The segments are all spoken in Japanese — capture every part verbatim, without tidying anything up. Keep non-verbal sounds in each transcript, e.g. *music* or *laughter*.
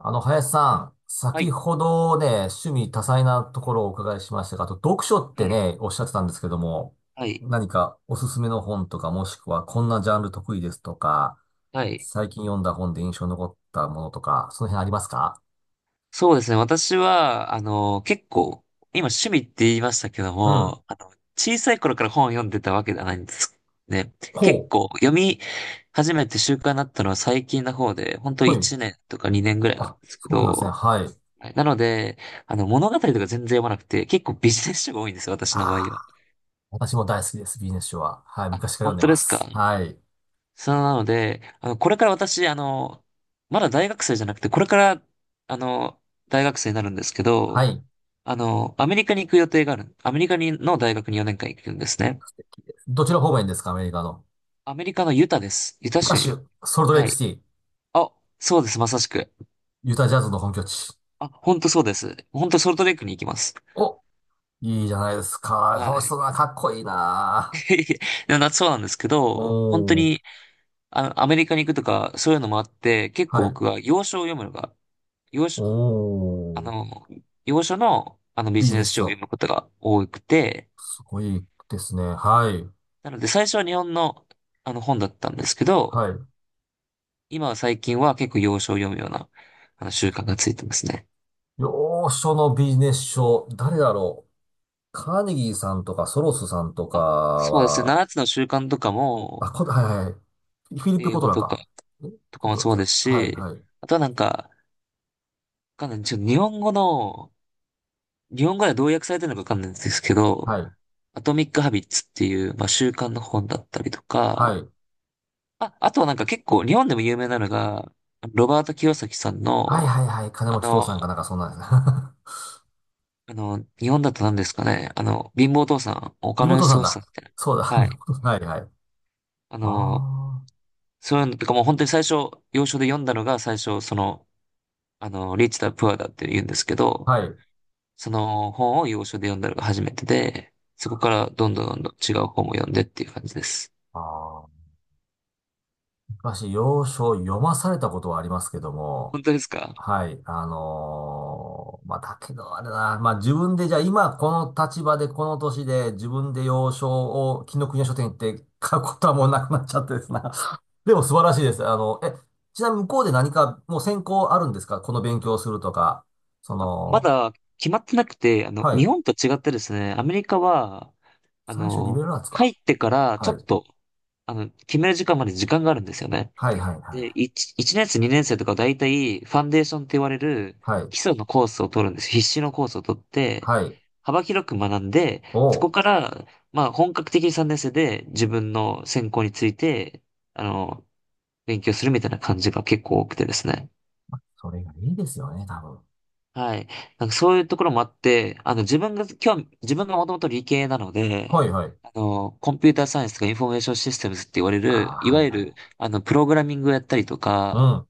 あの、林さん、は先い。ほどね、趣味多彩なところをお伺いしましたが、あと読書っはてい。ね、おっしゃってたんですけども、はい。何かおすすめの本とか、もしくはこんなジャンル得意ですとか、はい。最近読んだ本で印象に残ったものとか、その辺ありますか？そうですね。私は、あの、結構、今趣味って言いましたけどうん。も、あの、小さい頃から本を読んでたわけではないんですね。結ほう。構、読み始めて習慣になったのは最近の方で、本当はい。いちねんとかにねんぐらいなんあ、ですけそうなんですね。ど、はい。はい。なので、あの、物語とか全然読まなくて、結構ビジネス書が多いんですよ、私の場合あは。あ、私も大好きです、ビジネス書は。はい、あ、昔から読本んで当まですか？す。はい。そうなので、あの、これから私、あの、まだ大学生じゃなくて、これから、あの、大学生になるんですけはど、い。あの、アメリカに行く予定がある。アメリカにの大学によねんかん行くんですね。どちら方面ですか、アメリカの？アメリカのユタです。ユタユタ州に。州、ソルトレイはクシい。ティ、あ、そうです、まさしく。ユタジャズの本拠地。あ、本当そうです。本当ソルトレイクに行きます。お、いいじゃないですか。は楽しそい。うだな、かっこいいな。*laughs* でもなそうなんですけど、本当おー、に、あの、アメリカに行くとか、そういうのもあって、結構はい。僕は、洋書を読むのが、洋お書、あー、の、洋書の、あのビビジジネネスス書を読書。むことが多くて、すごいですね。はい。なので最初は日本の、あの本だったんですけど、はい。今は最近は結構洋書を読むような、あの習慣がついてますね。洋書のビジネス書。誰だろう。カーネギーさんとか、ソロスさんとかあ、そうですね。は、ななつの習慣とかあ、も、こ、はいはいはい。フィリップ・英コト語ラとか、か。えとかコもトラそちうゃでう。すはい、し、はい、あとはなんか、わかんない。ちょっと日本語の、日本語ではどう訳されてるのかわかんないんですけど、はい、アトミック・ハビッツっていう、まあ、習慣の本だったりとはか、い。あ、あとはなんか結構日本でも有名なのが、ロバート清崎さんはい、の、はい、はい。金あ持ち父の、さんかなんか、そんなんですね。あの、日本だと何ですかね、あの、貧乏お父さん、お *laughs* 金妹持ちさんおじだ。さんみたいそうだ、*laughs* な。はい。妹さん。はい、はい。あの、あそういうのとかもう本当に最初、要所で読んだのが最初、その、あの、リッチだ、プアだって言うんですけあ、ど、はい。その本を要所で読んだのが初めてで、そこからどんどんどんどん違う本も読んでっていう感じです。ああ。昔、洋書を読まされたことはありますけども、本当ですか？はい、あのーまあ、だけどあれだな、まあ、自分でじゃあ今この立場でこの年で自分で洋書を紀伊国屋書店行って買うことはもうなくなっちゃってですな。*laughs* でも素晴らしいです。あの、え、ちなみに向こうで何かもう専攻あるんですかこの勉強をするとか？そあ、まの、だ決まってなくて、あの、は日い。本と違ってですね、アメリカは、あ最初リベラの、ルアーツ入か。ってからちはょい。っと、あの、決める時間まで時間があるんですよね。はいはいで、はい。いち、一年生、にねん生とか大体、ファンデーションって言われるはい。基礎のコースを取るんです。必修のコースを取って、はい。幅広く学んで、おそう、こから、まあ、本格的にさんねん生で自分の専攻について、あの、勉強するみたいな感じが結構多くてですね。それがいいですよね、多分。はい。なんかそういうところもあって、あの、自分が、今日、自分がもともと理系なのはで、いはい。あの、コンピューターサイエンスとかインフォメーションシステムズって言われああ、る、いはわいゆはる、い。あの、プログラミングをやったりとうか、ん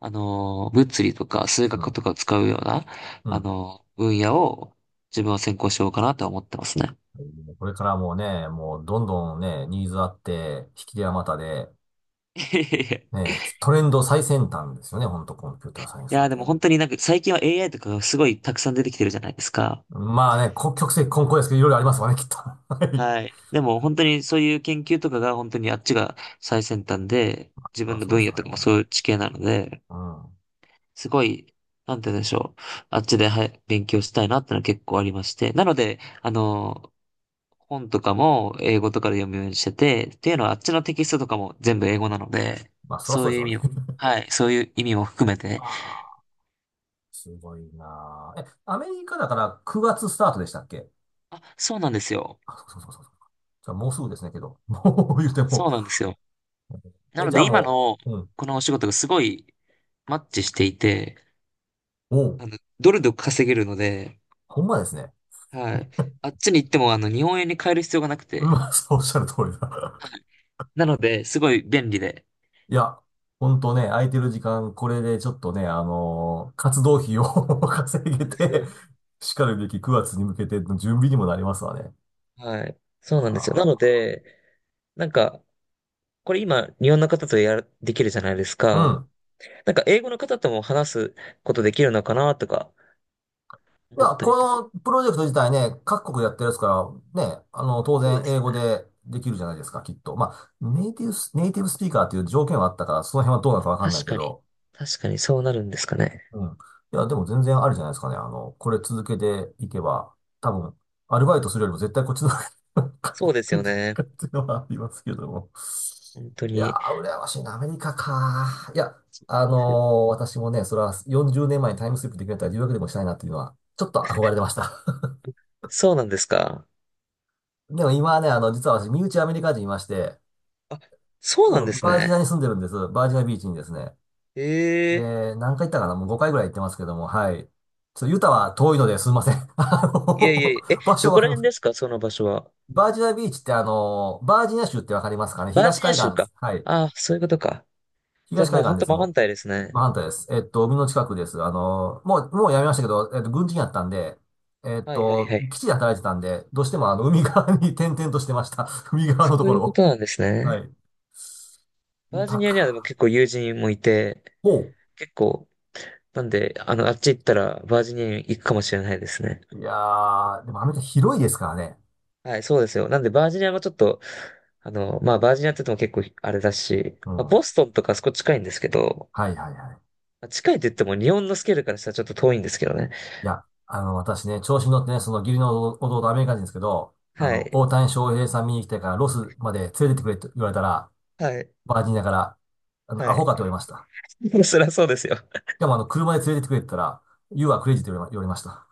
あの、物理とか数う学ん。とかを使うような、うあん。の、分野を自分は専攻しようかなとは思ってますね。これからもうね、もうどんどんね、ニーズあって、引き手あまたで、*laughs* ね、トレンド最先端ですよね、ほんとコンピューターサイエンいスなんや、でてね。も本当になんか最近は エーアイ とかがすごいたくさん出てきてるじゃないですか。まあね、こ曲折混交ですけど、いろいろありますわね、きっと。*laughs* はい。はい。でも本当にそういう研究とかが本当にあっちが最先端で、自そりゃ分のそうで分す野わとかもそうね。いう地形なので、うん。すごい、なんて言うんでしょう。あっちで、はい、勉強したいなってのは結構ありまして。なので、あの、本とかも英語とかで読むようにしてて、っていうのはあっちのテキストとかも全部英語なので、まあ、そりゃそそううでいすう意わね。味を、*laughs* はい、そういう意味も含めあて、あ、すごいなあ。え、アメリカだからくがつスタートでしたっけ？あ、そうなんですよ。あ、そうそうそうそう。じゃあもうすぐですね、けど。もう言うあ、ても。そうなんですよ。なえ、のじゃあで今ものう、うん。このお仕事がすごいマッチしていて、おう、あの、ドルで稼げるので、ほんまですね。はい。あっちに行っても、あの、日本円に変える必要がなくうん、て、まあ、そうおっしゃる通りだ。はい。なので、すごい便利で。いや、ほんとね、空いてる時間、これでちょっとね、あのー活動費を *laughs* 稼そうげなんですて、よ。しかるべきくがつに向けての準備にもなりますわね。はい。そうなんですよ。なのあで、なんか、これ今、日本の方とやる、できるじゃないですあ。うか。ん。なんか、英語の方とも話すことできるのかなとか、い思っや、たりことか。のプロジェクト自体ね、各国でやってるやつから、ね、あの、当そう然です英よ語ね。でできるじゃないですか、きっと。まあ、ネイティブス、ネイティブスピーカーっていう条件はあったから、その辺はどうなのかわかん確ないけかに。ど、確かに、そうなるんですかね。うん。いや、でも全然あるじゃないですかね。あの、これ続けていけば、多分、アルバイトするよりも絶対こっちの方が *laughs* そうですよね。っていうのはありますけども。本当いやに。ー、羨ましいな、アメリカか。いや、そうあのなんーですよ。私もね、それはよんじゅうねんまえにタイムスリップできるんだったら留学でもしたいなっていうのは、ちょっと憧れてました。そうなんですか？*laughs* でも今はね、あの、実は私、身内アメリカ人いまして、あ、そうなんでうん、すバージニアにね。住んでるんです。バージニアビーチにですね。ええ、で、何回行ったかな、もうごかいぐらい行ってますけども、はい。ちょっとユタは遠いのですいません。*laughs* あいえいの、えいえ、え、場ど所こわからりま辺す。ですかその場所は？バージニアビーチってあの、バージニア州ってわかりますかね、バー東ジニア海岸州です。か。はい。ああ、そういうことか。じゃあ東も海うほん岸でとす、真反もう。対ですね。真反対です。えっと、海の近くです。あの、もう、もうやめましたけど、えっと、軍人やったんで、えっはいはいと、はい。基地で働いてたんで、どうしてもあの、海側に *laughs* 転々としてました。*laughs* 海側そのとうこいうろこを。となんですはね。い。ユバージタニアにはでもか。結構友人もいて、ほ結構、なんで、あの、あっち行ったらバージニアに行くかもしれないですね。う。いやー、でもアメリカ広いですからね。はい、そうですよ。なんでバージニアもちょっと、あの、まあバージニアって言っても結構あれだし、うん。まあ、ボはストンとかあそこ近いんですけど、いはいはい。まあ近いって言っても日本のスケールからしたらちょっと遠いんですけどね。いや、あの、私ね、調子に乗ってね、その義理の弟アメリカ人ですけど、あはの、い、大谷翔平さん見に来てからロスまで連れてってくれと言われたら、はい、バージニアから、あの、はアホい。かと言われました。*laughs* そりゃそうですよ。しかも、あの、車で連れてってくれって言ったら、You are crazy と言われま言われました。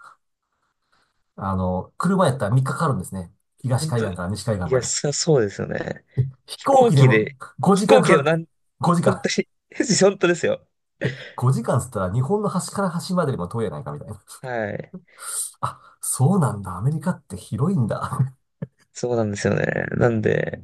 あの、車やったらみっかか、かかるんですね。東本海当、い岸から西海岸まや、で。そ、そうですよね。飛飛行行機で機もで、飛ごじかん行か機かでもるっなて。ん、5時本当間。に *laughs* 本当ですよ。ごじかんっつったら日本の端から端までよりも遠いやないかみたいな。はい。あ、そうなんだ。アメリカって広いんだ。*laughs* そうなんですよね。なんで、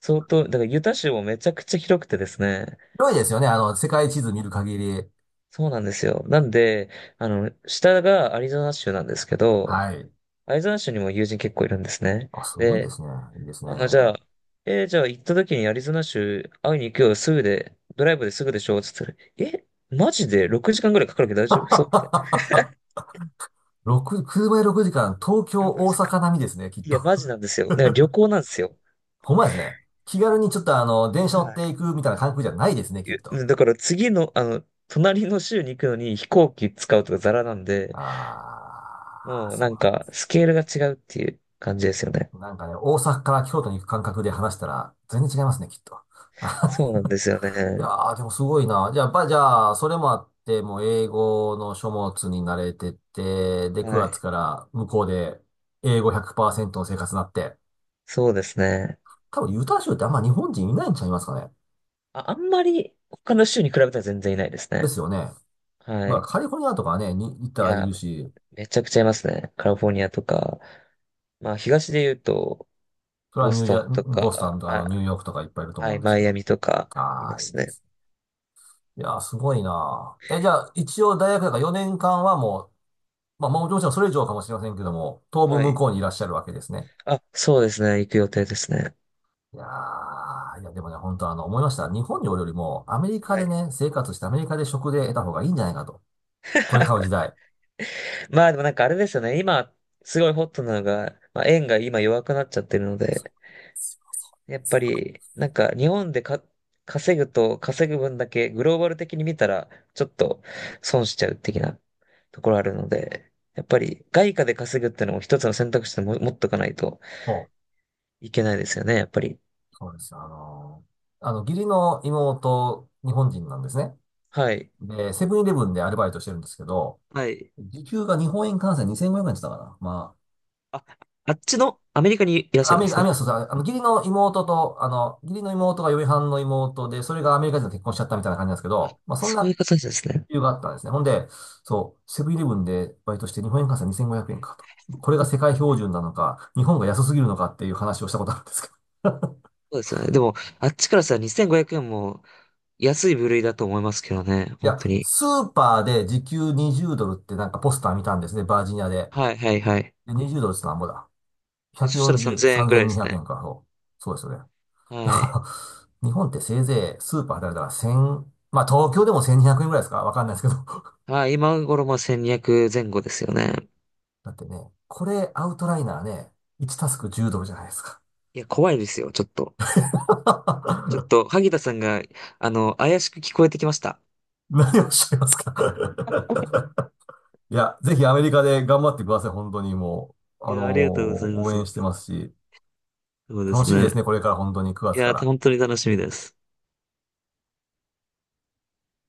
相当、だからユタ州もめちゃくちゃ広くてですね。広いですよね。あの、世界地図見る限り。そうなんですよ。なんで、あの、下がアリゾナ州なんですけど、はい。アリゾナ州にも友人結構いるんですね。あ、すごいでで、すね。いいですね。あの、じゃあ、えーじゃあ行った時にアリゾナ州会いに行くよ、すぐで、ドライブですぐでしょつって言ったら、え、マジでろくじかんぐらいかかるけど大丈夫そうみたい *laughs* ろく、車でろくじかん、東京、な。6大時阪並みですね、きっいと。や、マジなんですよ。だから旅行なんですよ。*laughs* ほんまですね。気軽にちょっとあの、電車乗ってはいくみたいな感覚じゃないですね、い、きっえと。だから次の、あの、隣の州に行くのに飛行機使うとかザラなんで、あー、もうそなうんなんかスケールが違うっていう感じですよね。だ。なんかね、大阪から京都に行く感覚で話したら、全然違いますね、きっと。そ *laughs* うなんですよいやね。ー、でもすごいな。じゃあ、ば、じゃあ、それもあって、もう英語の書物に慣れてって、で、はくがつい。から向こうで英語ひゃくパーセントの生活になって、そうですね。多分ユタ州ってあんま日本人いないんちゃいますかね。あ、あんまり他の州に比べたら全然いないですでね。すよね。はまあい。カリフォルニアとかね、に行っいたらいや、るし、めちゃくちゃいますね。カリフォルニアとか、まあ東で言うと、それはボニスュージトンャ、とボスタか、ンとかあのあ、ニューヨークとかいっぱいいるとは思うい、んですマけイアど。ミとかいあまあ、いいすでね。すね。いやー、すごいなー。え、じゃあ一応大学だからよねんかんはもう、まあもうもちろんそれ以上かもしれませんけども、当は分向い。こうにいらっしゃるわけですね。あ、そうですね。行く予定ですね。いやー、いやでもね、本当あの、思いました。日本におるよりも、アメリカはでい。ね、生活してアメリカで食で得た方がいいんじゃないかと。これ買う時代。まあでもなんかあれですよね。今、すごいホットなのが、まあ、円が今弱くなっちゃってるので、やっぱり、なんか日本でか稼ぐと稼ぐ分だけグローバル的に見たら、ちょっと損しちゃう的なところあるので、やっぱり外貨で稼ぐっていうのも一つの選択肢でも持っとかないとほう、いけないですよね、やっぱり。そうです。あの、あの、義理の妹、日本人なんですね。はい。で、セブンイレブンでアルバイトしてるんですけど、はい。時給が日本円換算にせんごひゃくえんって言ったかな。まあ、あっちのアメリカにいらっしあ、ゃアるんメでリカ、すアメね。リカ、そうそう、あの、義理の妹と、あの、義理の妹が嫁はんの妹で、それがアメリカ人と結婚しちゃったみたいな感じなんですけあ、ど、まあ、そんそういなう形ですね。理由があったんですね。ほんで、そう、セブンイレブンでバイトして日本円換算にせんごひゃくえんかと。これが世 *laughs* 界標準なのか、日本が安すぎるのかっていう話をしたことあるんですけど。そうですよね。でも、あっちからしたらにせんごひゃくえんも安い部類だと思いますけどね、い本当や、に。スーパーで時給にじゅうドルってなんかポスター見たんですね、バージニアで。はい、はい、はい。で、にじゅうドルってなんぼだ。でそしたらひゃくよんじゅう、さんぜんえんぐらいで3200すね。円か、そう。そうですよね。だはい。から、日本ってせいぜいスーパーであれだからせん、まあ東京でもせんにひゃくえんぐらいですかわかんないですけど。はい、今頃まあせんにひゃく前後ですよね。だってね、これアウトライナーね、いちタスクじゅうドルじゃないですか。いや、怖いですよ、ちょっと。ちょっ *laughs* と、萩田さんが、あの、怪しく聞こえてきました。何をおっしゃいますか？ *laughs* いや、ぜひアメリカで頑張ってください、本当にもう。いあのや、ーありがとうございま応す。本援し当てにますし、そうで楽すしみでね。すね、これから本当に9い月かや、ら。本当に楽しみです。